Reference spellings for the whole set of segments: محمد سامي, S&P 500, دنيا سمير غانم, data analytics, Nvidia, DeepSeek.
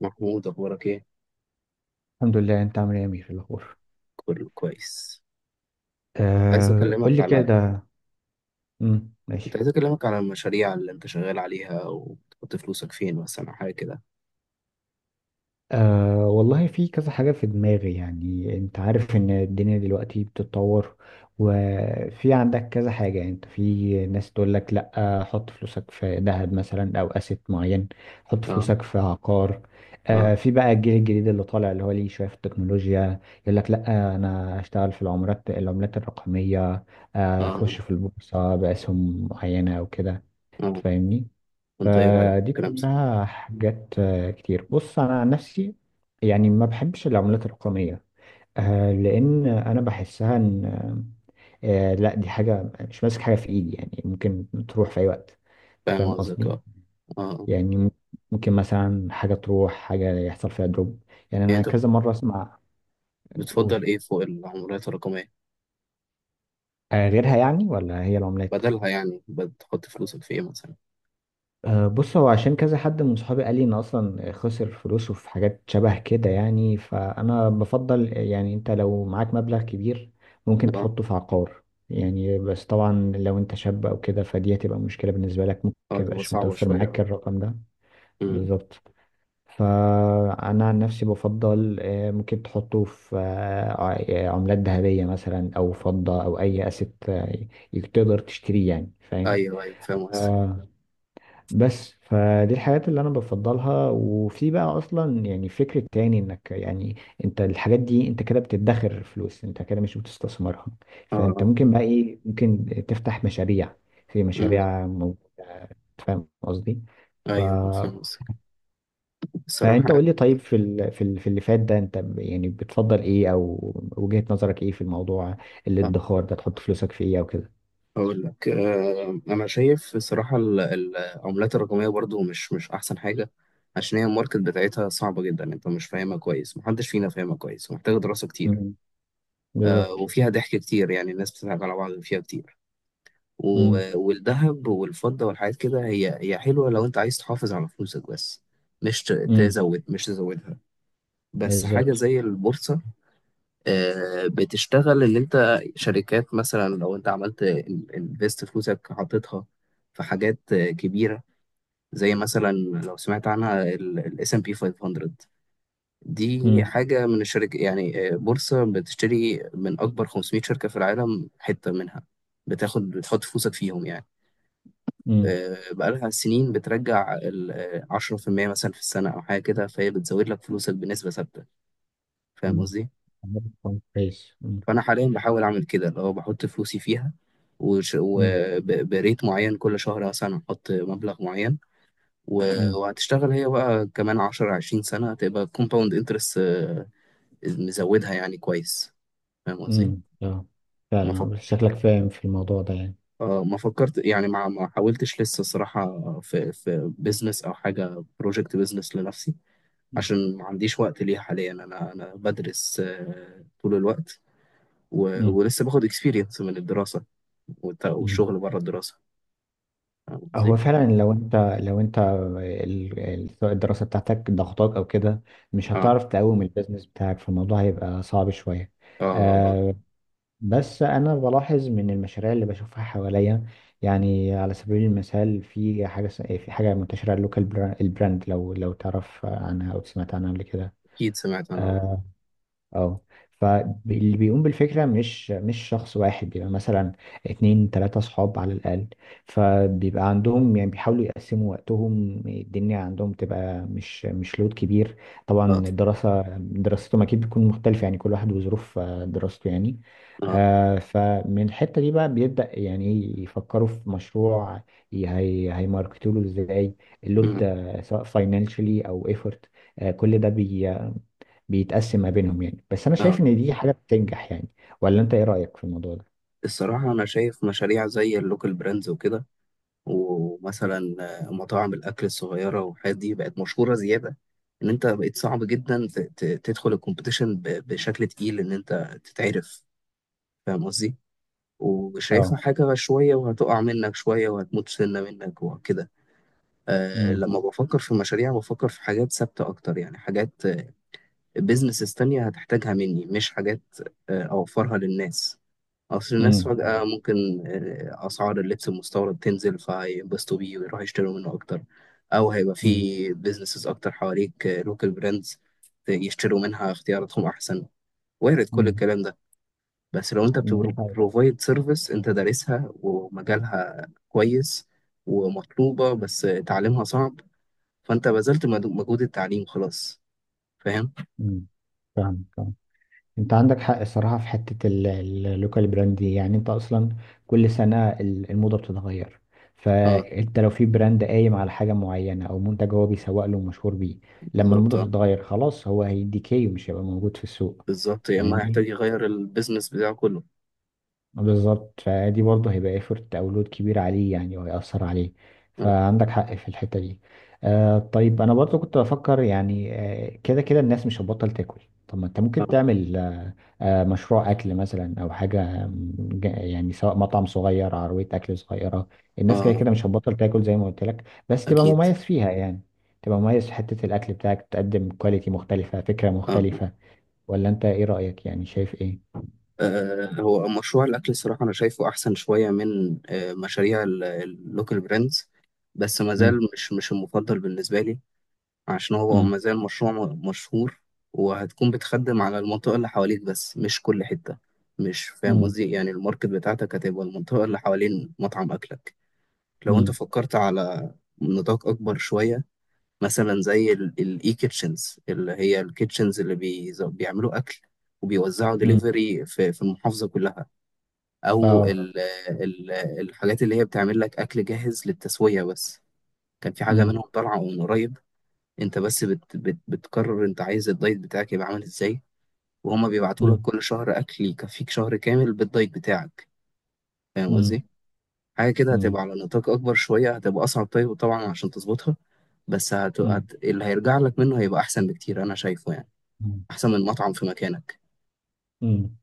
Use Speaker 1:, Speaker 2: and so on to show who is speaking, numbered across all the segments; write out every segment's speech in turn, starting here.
Speaker 1: محمود، اخبارك ايه؟
Speaker 2: الحمد لله. انت عامل ايه يا امير؟ إيه الاخبار؟
Speaker 1: كله كويس. عايز
Speaker 2: آه، قول
Speaker 1: اكلمك
Speaker 2: لي
Speaker 1: على
Speaker 2: كده.
Speaker 1: كنت
Speaker 2: ماشي.
Speaker 1: عايز اكلمك على المشاريع اللي انت شغال عليها وبتحط فلوسك فين، مثلا حاجه كده.
Speaker 2: آه، والله في كذا حاجه في دماغي. يعني انت عارف ان الدنيا دلوقتي بتتطور، وفي عندك كذا حاجه. انت في ناس تقول لك لا، حط فلوسك في ذهب مثلا او اسيت معين، حط
Speaker 1: اه.
Speaker 2: فلوسك في عقار.
Speaker 1: اه.
Speaker 2: آه، في بقى الجيل الجديد اللي طالع اللي هو ليه شويه في التكنولوجيا، يقول لك لا انا هشتغل في العملات الرقميه. آه، اخش
Speaker 1: اه.
Speaker 2: في البورصه باسهم معينه او كده.
Speaker 1: اه.
Speaker 2: تفهمني؟
Speaker 1: انت ايه رايك في
Speaker 2: فدي
Speaker 1: الكلام ده؟
Speaker 2: كلها حاجات آه، كتير. بص انا عن نفسي، يعني ما بحبش العملات الرقميه. آه، لان انا بحسها ان لا، دي حاجه مش ماسك حاجه في ايدي، يعني ممكن تروح في اي وقت. انت
Speaker 1: فاهم
Speaker 2: فاهم
Speaker 1: قصدك،
Speaker 2: قصدي؟
Speaker 1: اه. اه. آه.
Speaker 2: يعني ممكن مثلا حاجه تروح، حاجه يحصل فيها دروب. يعني
Speaker 1: يعني
Speaker 2: انا
Speaker 1: انت
Speaker 2: كذا مره اسمع.
Speaker 1: بتفضل
Speaker 2: قول،
Speaker 1: ايه فوق العملات الرقميه؟
Speaker 2: آه، غيرها يعني ولا هي العملات؟
Speaker 1: بدلها يعني بتحط فلوسك في ايه مثلا؟
Speaker 2: أه، بص هو عشان كذا حد من صحابي قال لي ان اصلا خسر فلوسه في حاجات شبه كده، يعني فانا بفضل يعني انت لو معاك مبلغ كبير ممكن
Speaker 1: اه.
Speaker 2: تحطه في عقار. يعني بس طبعا لو انت شاب او كده فدي هتبقى مشكلة بالنسبة لك، ممكن
Speaker 1: اه. تبقى
Speaker 2: ميبقاش
Speaker 1: صعبه
Speaker 2: متوفر
Speaker 1: شويه،
Speaker 2: معاك
Speaker 1: اه.
Speaker 2: الرقم ده.
Speaker 1: أمم.
Speaker 2: بالظبط. فانا عن نفسي بفضل آه، ممكن تحطه في آه، عملات ذهبية مثلا او فضة او اي اسيت تقدر تشتريه. يعني فاهم؟
Speaker 1: ايوه، ايوه، فاهم قصدك،
Speaker 2: آه، بس فدي الحاجات اللي انا بفضلها. وفي بقى اصلا يعني فكرة تاني انك يعني انت الحاجات دي انت كده بتدخر فلوس، انت كده مش بتستثمرها.
Speaker 1: اه.
Speaker 2: فانت
Speaker 1: آه.
Speaker 2: ممكن بقى ايه، ممكن تفتح مشاريع، في
Speaker 1: أمم.
Speaker 2: مشاريع موجودة. فاهم قصدي؟ ف...
Speaker 1: ايوه، فاهم قصدك الصراحه
Speaker 2: فانت قول
Speaker 1: يعني.
Speaker 2: لي طيب، في في اللي فات ده، يعني بتفضل ايه، او وجهة نظرك ايه في الموضوع،
Speaker 1: آه.
Speaker 2: الادخار ده تحط فلوسك في ايه او كده.
Speaker 1: أقول لك، أنا شايف الصراحة العملات الرقمية برضو مش أحسن حاجة، عشان هي الماركت بتاعتها صعبة جدا، أنت مش فاهمها كويس، محدش فينا فاهمها كويس، ومحتاجة دراسة كتير.
Speaker 2: مم. بالظبط.
Speaker 1: وفيها ضحك كتير، يعني الناس بتضحك على بعض فيها كتير.
Speaker 2: مم.
Speaker 1: والذهب والفضة والحاجات كده هي حلوة لو أنت عايز تحافظ على فلوسك بس،
Speaker 2: مم.
Speaker 1: مش تزودها. بس حاجة
Speaker 2: بالظبط.
Speaker 1: زي البورصة، بتشتغل. اللي انت شركات، مثلا لو انت عملت انفست فلوسك، حطيتها في حاجات كبيرة، زي مثلا لو سمعت عنها الاس ام بي 500. دي
Speaker 2: مم.
Speaker 1: حاجة من الشركة يعني، بورصة بتشتري من أكبر 500 شركة في العالم حتة منها. بتحط فلوسك فيهم يعني.
Speaker 2: مم.
Speaker 1: بقالها سنين بترجع 10% مثلا في السنة أو حاجة كده، فهي بتزود لك فلوسك بنسبة ثابتة. فاهم
Speaker 2: مم.
Speaker 1: قصدي؟
Speaker 2: عارف. كويس. مم.
Speaker 1: فانا حاليا بحاول اعمل كده، اللي هو بحط فلوسي فيها
Speaker 2: مم.
Speaker 1: وبريت معين كل شهر، مثلا احط مبلغ معين.
Speaker 2: مم.
Speaker 1: وهتشتغل هي بقى كمان 10 20 سنة، هتبقى كومباوند انترست مزودها يعني كويس. فاهم قصدي؟
Speaker 2: مم. اه،
Speaker 1: ما فك...
Speaker 2: فعلا شكلك فاهم في الموضوع ده يعني.
Speaker 1: آه، ما فكرت يعني، ما حاولتش لسه صراحة في بيزنس او حاجة بروجكت بيزنس لنفسي،
Speaker 2: مم.
Speaker 1: عشان ما عنديش وقت ليها حاليا. انا بدرس طول الوقت،
Speaker 2: مم.
Speaker 1: ولسه باخد اكسبيرينس من الدراسة
Speaker 2: مم.
Speaker 1: والشغل بره الدراسة. فاهم قصدي؟
Speaker 2: هو فعلا لو انت سواء الدراسة بتاعتك ضغطاك او كده مش
Speaker 1: اه.
Speaker 2: هتعرف تقوم البيزنس بتاعك، فالموضوع هيبقى صعب شوية.
Speaker 1: اه. آه. آه.
Speaker 2: آه، بس انا بلاحظ من المشاريع اللي بشوفها حواليا. يعني على سبيل المثال في في حاجة منتشرة، اللوكال براند. لو تعرف عنها او سمعت عنها قبل كده.
Speaker 1: اكيد سمعت انا، اه.
Speaker 2: آه، اه. فاللي بيقوم بالفكرة مش شخص واحد، بيبقى مثلا اتنين تلاتة صحاب على الأقل. فبيبقى عندهم يعني بيحاولوا يقسموا وقتهم، الدنيا عندهم تبقى مش لود كبير.
Speaker 1: اه.
Speaker 2: طبعا الدراسة دراستهم أكيد بتكون مختلفة، يعني كل واحد وظروف آه، دراسته يعني.
Speaker 1: اه.
Speaker 2: آه، فمن الحتة دي بقى بيبدأ يعني إيه، يفكروا في مشروع، هي هيماركتوله ازاي، اللود
Speaker 1: مم.
Speaker 2: آه، سواء فاينانشلي او ايفورت. كل ده بيتقسم ما بينهم يعني. بس انا
Speaker 1: آه.
Speaker 2: شايف ان دي حاجه بتنجح يعني. ولا انت ايه رايك في الموضوع ده؟
Speaker 1: الصراحة أنا شايف مشاريع زي اللوكال براندز وكده، ومثلا مطاعم الأكل الصغيرة والحاجات دي بقت مشهورة زيادة، إن أنت بقيت صعب جدا تدخل الكومبيتيشن بشكل تقيل إن أنت تتعرف. فاهم قصدي؟ وشايفها
Speaker 2: اه.
Speaker 1: حاجة شوية وهتقع منك شوية وهتموت سنة منك وكده.
Speaker 2: امم.
Speaker 1: لما بفكر في مشاريع، بفكر في حاجات ثابتة أكتر، يعني حاجات بيزنسز تانية هتحتاجها مني، مش حاجات أوفرها للناس. أصل الناس
Speaker 2: امم.
Speaker 1: فجأة ممكن أسعار اللبس المستورد تنزل فينبسطوا بيه ويروحوا يشتروا منه أكتر، أو هيبقى
Speaker 2: امم.
Speaker 1: في بيزنسز أكتر حواليك لوكال براندز يشتروا منها اختياراتهم أحسن. وارد كل
Speaker 2: امم.
Speaker 1: الكلام ده، بس لو أنت
Speaker 2: دي حاجه.
Speaker 1: بروفايد سيرفيس أنت دارسها ومجالها كويس، ومطلوبة بس تعليمها صعب، فانت بذلت مجهود التعليم خلاص. فاهم؟
Speaker 2: امم. فاهم فاهم. انت عندك حق الصراحه في حته اللوكال براند دي. يعني انت اصلا كل سنه الموضه بتتغير.
Speaker 1: اه.
Speaker 2: فانت لو في براند قايم على حاجه معينه او منتج هو بيسوق له ومشهور بيه، لما
Speaker 1: بالظبط،
Speaker 2: الموضه
Speaker 1: اه.
Speaker 2: تتغير خلاص هو هيديكي ومش هيبقى موجود في السوق.
Speaker 1: بالظبط، يا اما
Speaker 2: فاهمني؟
Speaker 1: هيحتاج يغير البيزنس بتاعه كله.
Speaker 2: بالظبط. فدي برضه هيبقى ايفورت او لود كبير عليه يعني وهيأثر عليه،
Speaker 1: اه.
Speaker 2: فعندك حق في الحتة دي. آه، طيب انا برضه كنت بفكر يعني آه، كده كده الناس مش هتبطل تاكل. طب ما انت ممكن
Speaker 1: اه.
Speaker 2: تعمل آه، آه، مشروع اكل مثلا او حاجة يعني سواء مطعم صغير عربية اكل صغيرة. الناس كده
Speaker 1: اه.
Speaker 2: كده مش هتبطل تاكل زي ما قلت لك، بس تبقى
Speaker 1: اكيد.
Speaker 2: مميز فيها يعني. تبقى مميز في حتة الاكل بتاعك، تقدم كواليتي مختلفة فكرة
Speaker 1: اه. اه.
Speaker 2: مختلفة. ولا انت ايه رأيك، يعني شايف ايه؟
Speaker 1: آه. هو مشروع الاكل، الصراحه انا شايفه احسن شويه من مشاريع اللوكال براندز، بس ما زال
Speaker 2: مم.
Speaker 1: مش المفضل بالنسبه لي، عشان هو
Speaker 2: مم.
Speaker 1: ما زال مشروع مشهور وهتكون بتخدم على المنطقه اللي حواليك بس، مش كل حته. مش فاهم
Speaker 2: مم.
Speaker 1: قصدي؟ يعني الماركت بتاعتك هتبقى المنطقه اللي حوالين مطعم اكلك. لو انت
Speaker 2: مم.
Speaker 1: فكرت على نطاق اكبر شويه، مثلا زي الاي كيتشنز، اللي هي الكيتشنز اللي بيعملوا اكل وبيوزعوا
Speaker 2: امم.
Speaker 1: دليفري في المحافظه كلها، او
Speaker 2: اه.
Speaker 1: ال ال الحاجات اللي هي بتعمل لك اكل جاهز للتسويه بس، كان في حاجه
Speaker 2: امم.
Speaker 1: منهم طالعه من قريب. انت بس بت بت بتقرر انت عايز الدايت بتاعك يبقى عامل ازاي، وهما بيبعتوا لك
Speaker 2: امم.
Speaker 1: كل شهر اكل يكفيك شهر كامل بالدايت بتاعك. فاهم
Speaker 2: امم.
Speaker 1: قصدي؟ حاجة كده
Speaker 2: امم.
Speaker 1: هتبقى على نطاق أكبر شوية، هتبقى أصعب طيب طبعا عشان تظبطها، بس
Speaker 2: امم.
Speaker 1: اللي هيرجع لك منه هيبقى أحسن بكتير، أنا شايفه يعني
Speaker 2: امم.
Speaker 1: أحسن من مطعم في مكانك.
Speaker 2: امم.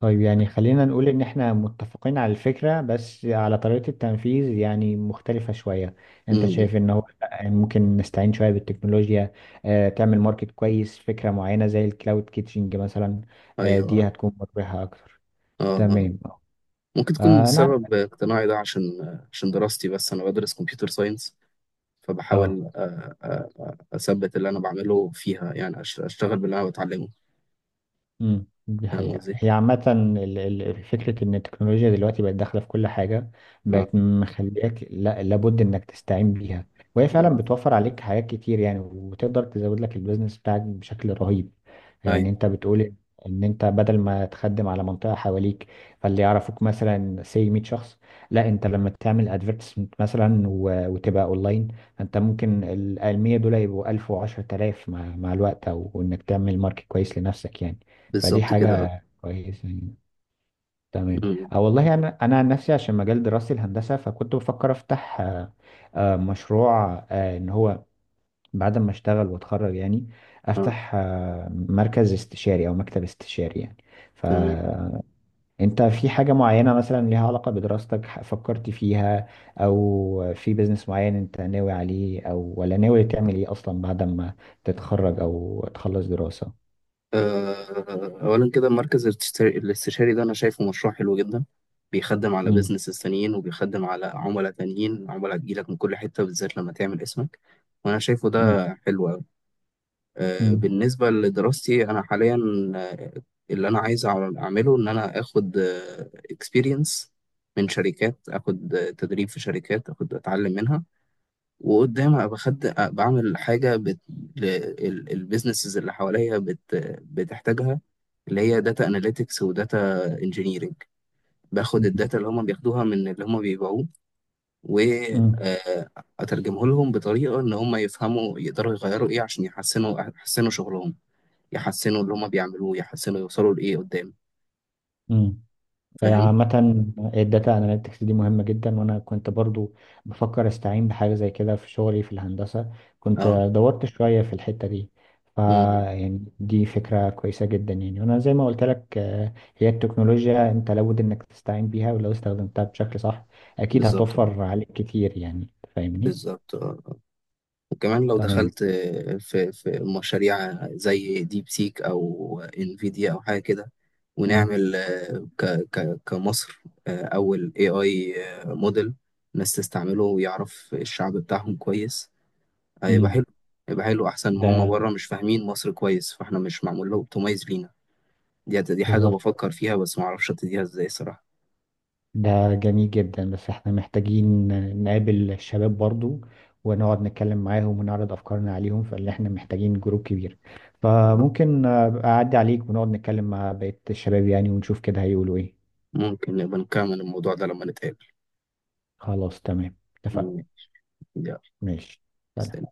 Speaker 2: طيب يعني خلينا نقول ان احنا متفقين على الفكرة، بس على طريقة التنفيذ يعني مختلفة شوية. انت
Speaker 1: امم. إمم.
Speaker 2: شايف ان هو لأ، ممكن نستعين شوية بالتكنولوجيا. آه، تعمل ماركت كويس فكرة معينة زي الكلاود كيتشنج مثلا. آه، دي
Speaker 1: أيوه.
Speaker 2: هتكون مربحة اكتر.
Speaker 1: آه. آه.
Speaker 2: تمام اه.
Speaker 1: ممكن تكون
Speaker 2: آه، انا.
Speaker 1: سبب اقتناعي ده، عشان دراستي بس، أنا بدرس كمبيوتر ساينس،
Speaker 2: اه.
Speaker 1: فبحاول أ- أثبت اللي أنا بعمله فيها، يعني أشتغل باللي أنا بتعلمه.
Speaker 2: امم، دي
Speaker 1: فاهم
Speaker 2: حقيقة
Speaker 1: قصدي؟
Speaker 2: هي عامة فكرة إن التكنولوجيا دلوقتي بقت داخلة في كل حاجة،
Speaker 1: آه.
Speaker 2: بقت مخليك لا لابد إنك تستعين بيها. وهي فعلا
Speaker 1: آه.
Speaker 2: بتوفر عليك حاجات كتير يعني، وتقدر تزود لك البيزنس بتاعك بشكل رهيب. يعني
Speaker 1: أيوه،
Speaker 2: أنت بتقول إن أنت بدل ما تخدم على منطقة حواليك، فاللي يعرفوك مثلا سي 100 شخص، لا أنت لما تعمل ادفرتسمنت مثلا وتبقى أونلاين، أنت ممكن ال 100 دول يبقوا 1000 و10000 مع الوقت، أو إنك تعمل ماركت كويس لنفسك يعني. فدي
Speaker 1: بالظبط كده، آه.
Speaker 2: حاجة كويسة يعني. تمام.
Speaker 1: مم.
Speaker 2: أه، والله أنا عن نفسي عشان مجال دراستي الهندسة، فكنت بفكر أفتح آه، آه، مشروع آه، إن هو بعد ما أشتغل وأتخرج يعني
Speaker 1: آه.
Speaker 2: أفتح آه، مركز استشاري أو مكتب استشاري يعني.
Speaker 1: تمام.
Speaker 2: فأنت في حاجة معينة مثلا ليها علاقة بدراستك، فكرت فيها، أو في بيزنس معين أنت ناوي عليه، أو ولا ناوي تعمل إيه أصلا بعد ما تتخرج أو تخلص دراسة؟
Speaker 1: أولا كده المركز الاستشاري ده أنا شايفه مشروع حلو جدا، بيخدم على
Speaker 2: مم.
Speaker 1: بيزنسز تانيين وبيخدم على عملاء تانيين، عملاء تجيلك من كل حتة بالذات لما تعمل اسمك، وأنا شايفه
Speaker 2: مم.
Speaker 1: ده حلو أوي.
Speaker 2: مم.
Speaker 1: بالنسبة لدراستي أنا حاليا، آه، اللي أنا عايز أعمله إن أنا آخد اكسبيرينس من شركات، آخد تدريب في شركات، آخد أتعلم منها، وقدام ابقى خدت بعمل حاجه البيزنسز اللي حواليا بتحتاجها، اللي هي داتا اناليتكس وداتا انجينيرنج. باخد الداتا اللي هم بياخدوها من اللي هم بيبيعوه،
Speaker 2: مم.
Speaker 1: واترجمه لهم بطريقه ان هم يفهموا يقدروا يغيروا ايه عشان يحسنوا، يحسنوا شغلهم، يحسنوا اللي هم بيعملوه، يحسنوا يوصلوا لايه قدام.
Speaker 2: امم.
Speaker 1: فاهم؟
Speaker 2: عامة آه، الداتا اناليتكس دي مهمة جدا. وانا كنت برضو بفكر استعين بحاجة زي كده في شغلي في الهندسة. كنت
Speaker 1: اه.
Speaker 2: دورت شوية في الحتة دي. ف
Speaker 1: مم.
Speaker 2: يعني دي فكرة كويسة جدا يعني. وانا زي ما قلت لك آه، هي التكنولوجيا انت لابد انك تستعين بيها، ولو استخدمتها بشكل صح اكيد
Speaker 1: بالظبط.
Speaker 2: هتوفر عليك كتير يعني. فاهمني؟
Speaker 1: بالظبط، آه. وكمان لو
Speaker 2: تمام.
Speaker 1: دخلت في مشاريع زي ديب سيك او انفيديا او حاجه كده،
Speaker 2: امم.
Speaker 1: ونعمل ك ك كمصر اول اي موديل الناس تستعمله ويعرف الشعب بتاعهم كويس، هيبقى
Speaker 2: امم.
Speaker 1: حلو. هيبقى حلو احسن ما هم
Speaker 2: ده
Speaker 1: بره مش فاهمين مصر كويس، فاحنا مش معمول له اوبتمايز لينا. دي حاجه
Speaker 2: بالظبط.
Speaker 1: بفكر فيها بس ما اعرفش ابتديها ازاي صراحه.
Speaker 2: ده جميل جدا، بس احنا محتاجين نقابل الشباب برضو، ونقعد نتكلم معاهم ونعرض افكارنا عليهم. فاللي احنا محتاجين جروب كبير. فممكن آه، أبقى اعدي عليك ونقعد نتكلم مع بقية الشباب يعني، ونشوف كده هيقولوا ايه.
Speaker 1: ممكن نبقى نكمل الموضوع ده لما نتقابل.
Speaker 2: خلاص تمام اتفقنا.
Speaker 1: يلا،
Speaker 2: ماشي. سلام.
Speaker 1: سلام.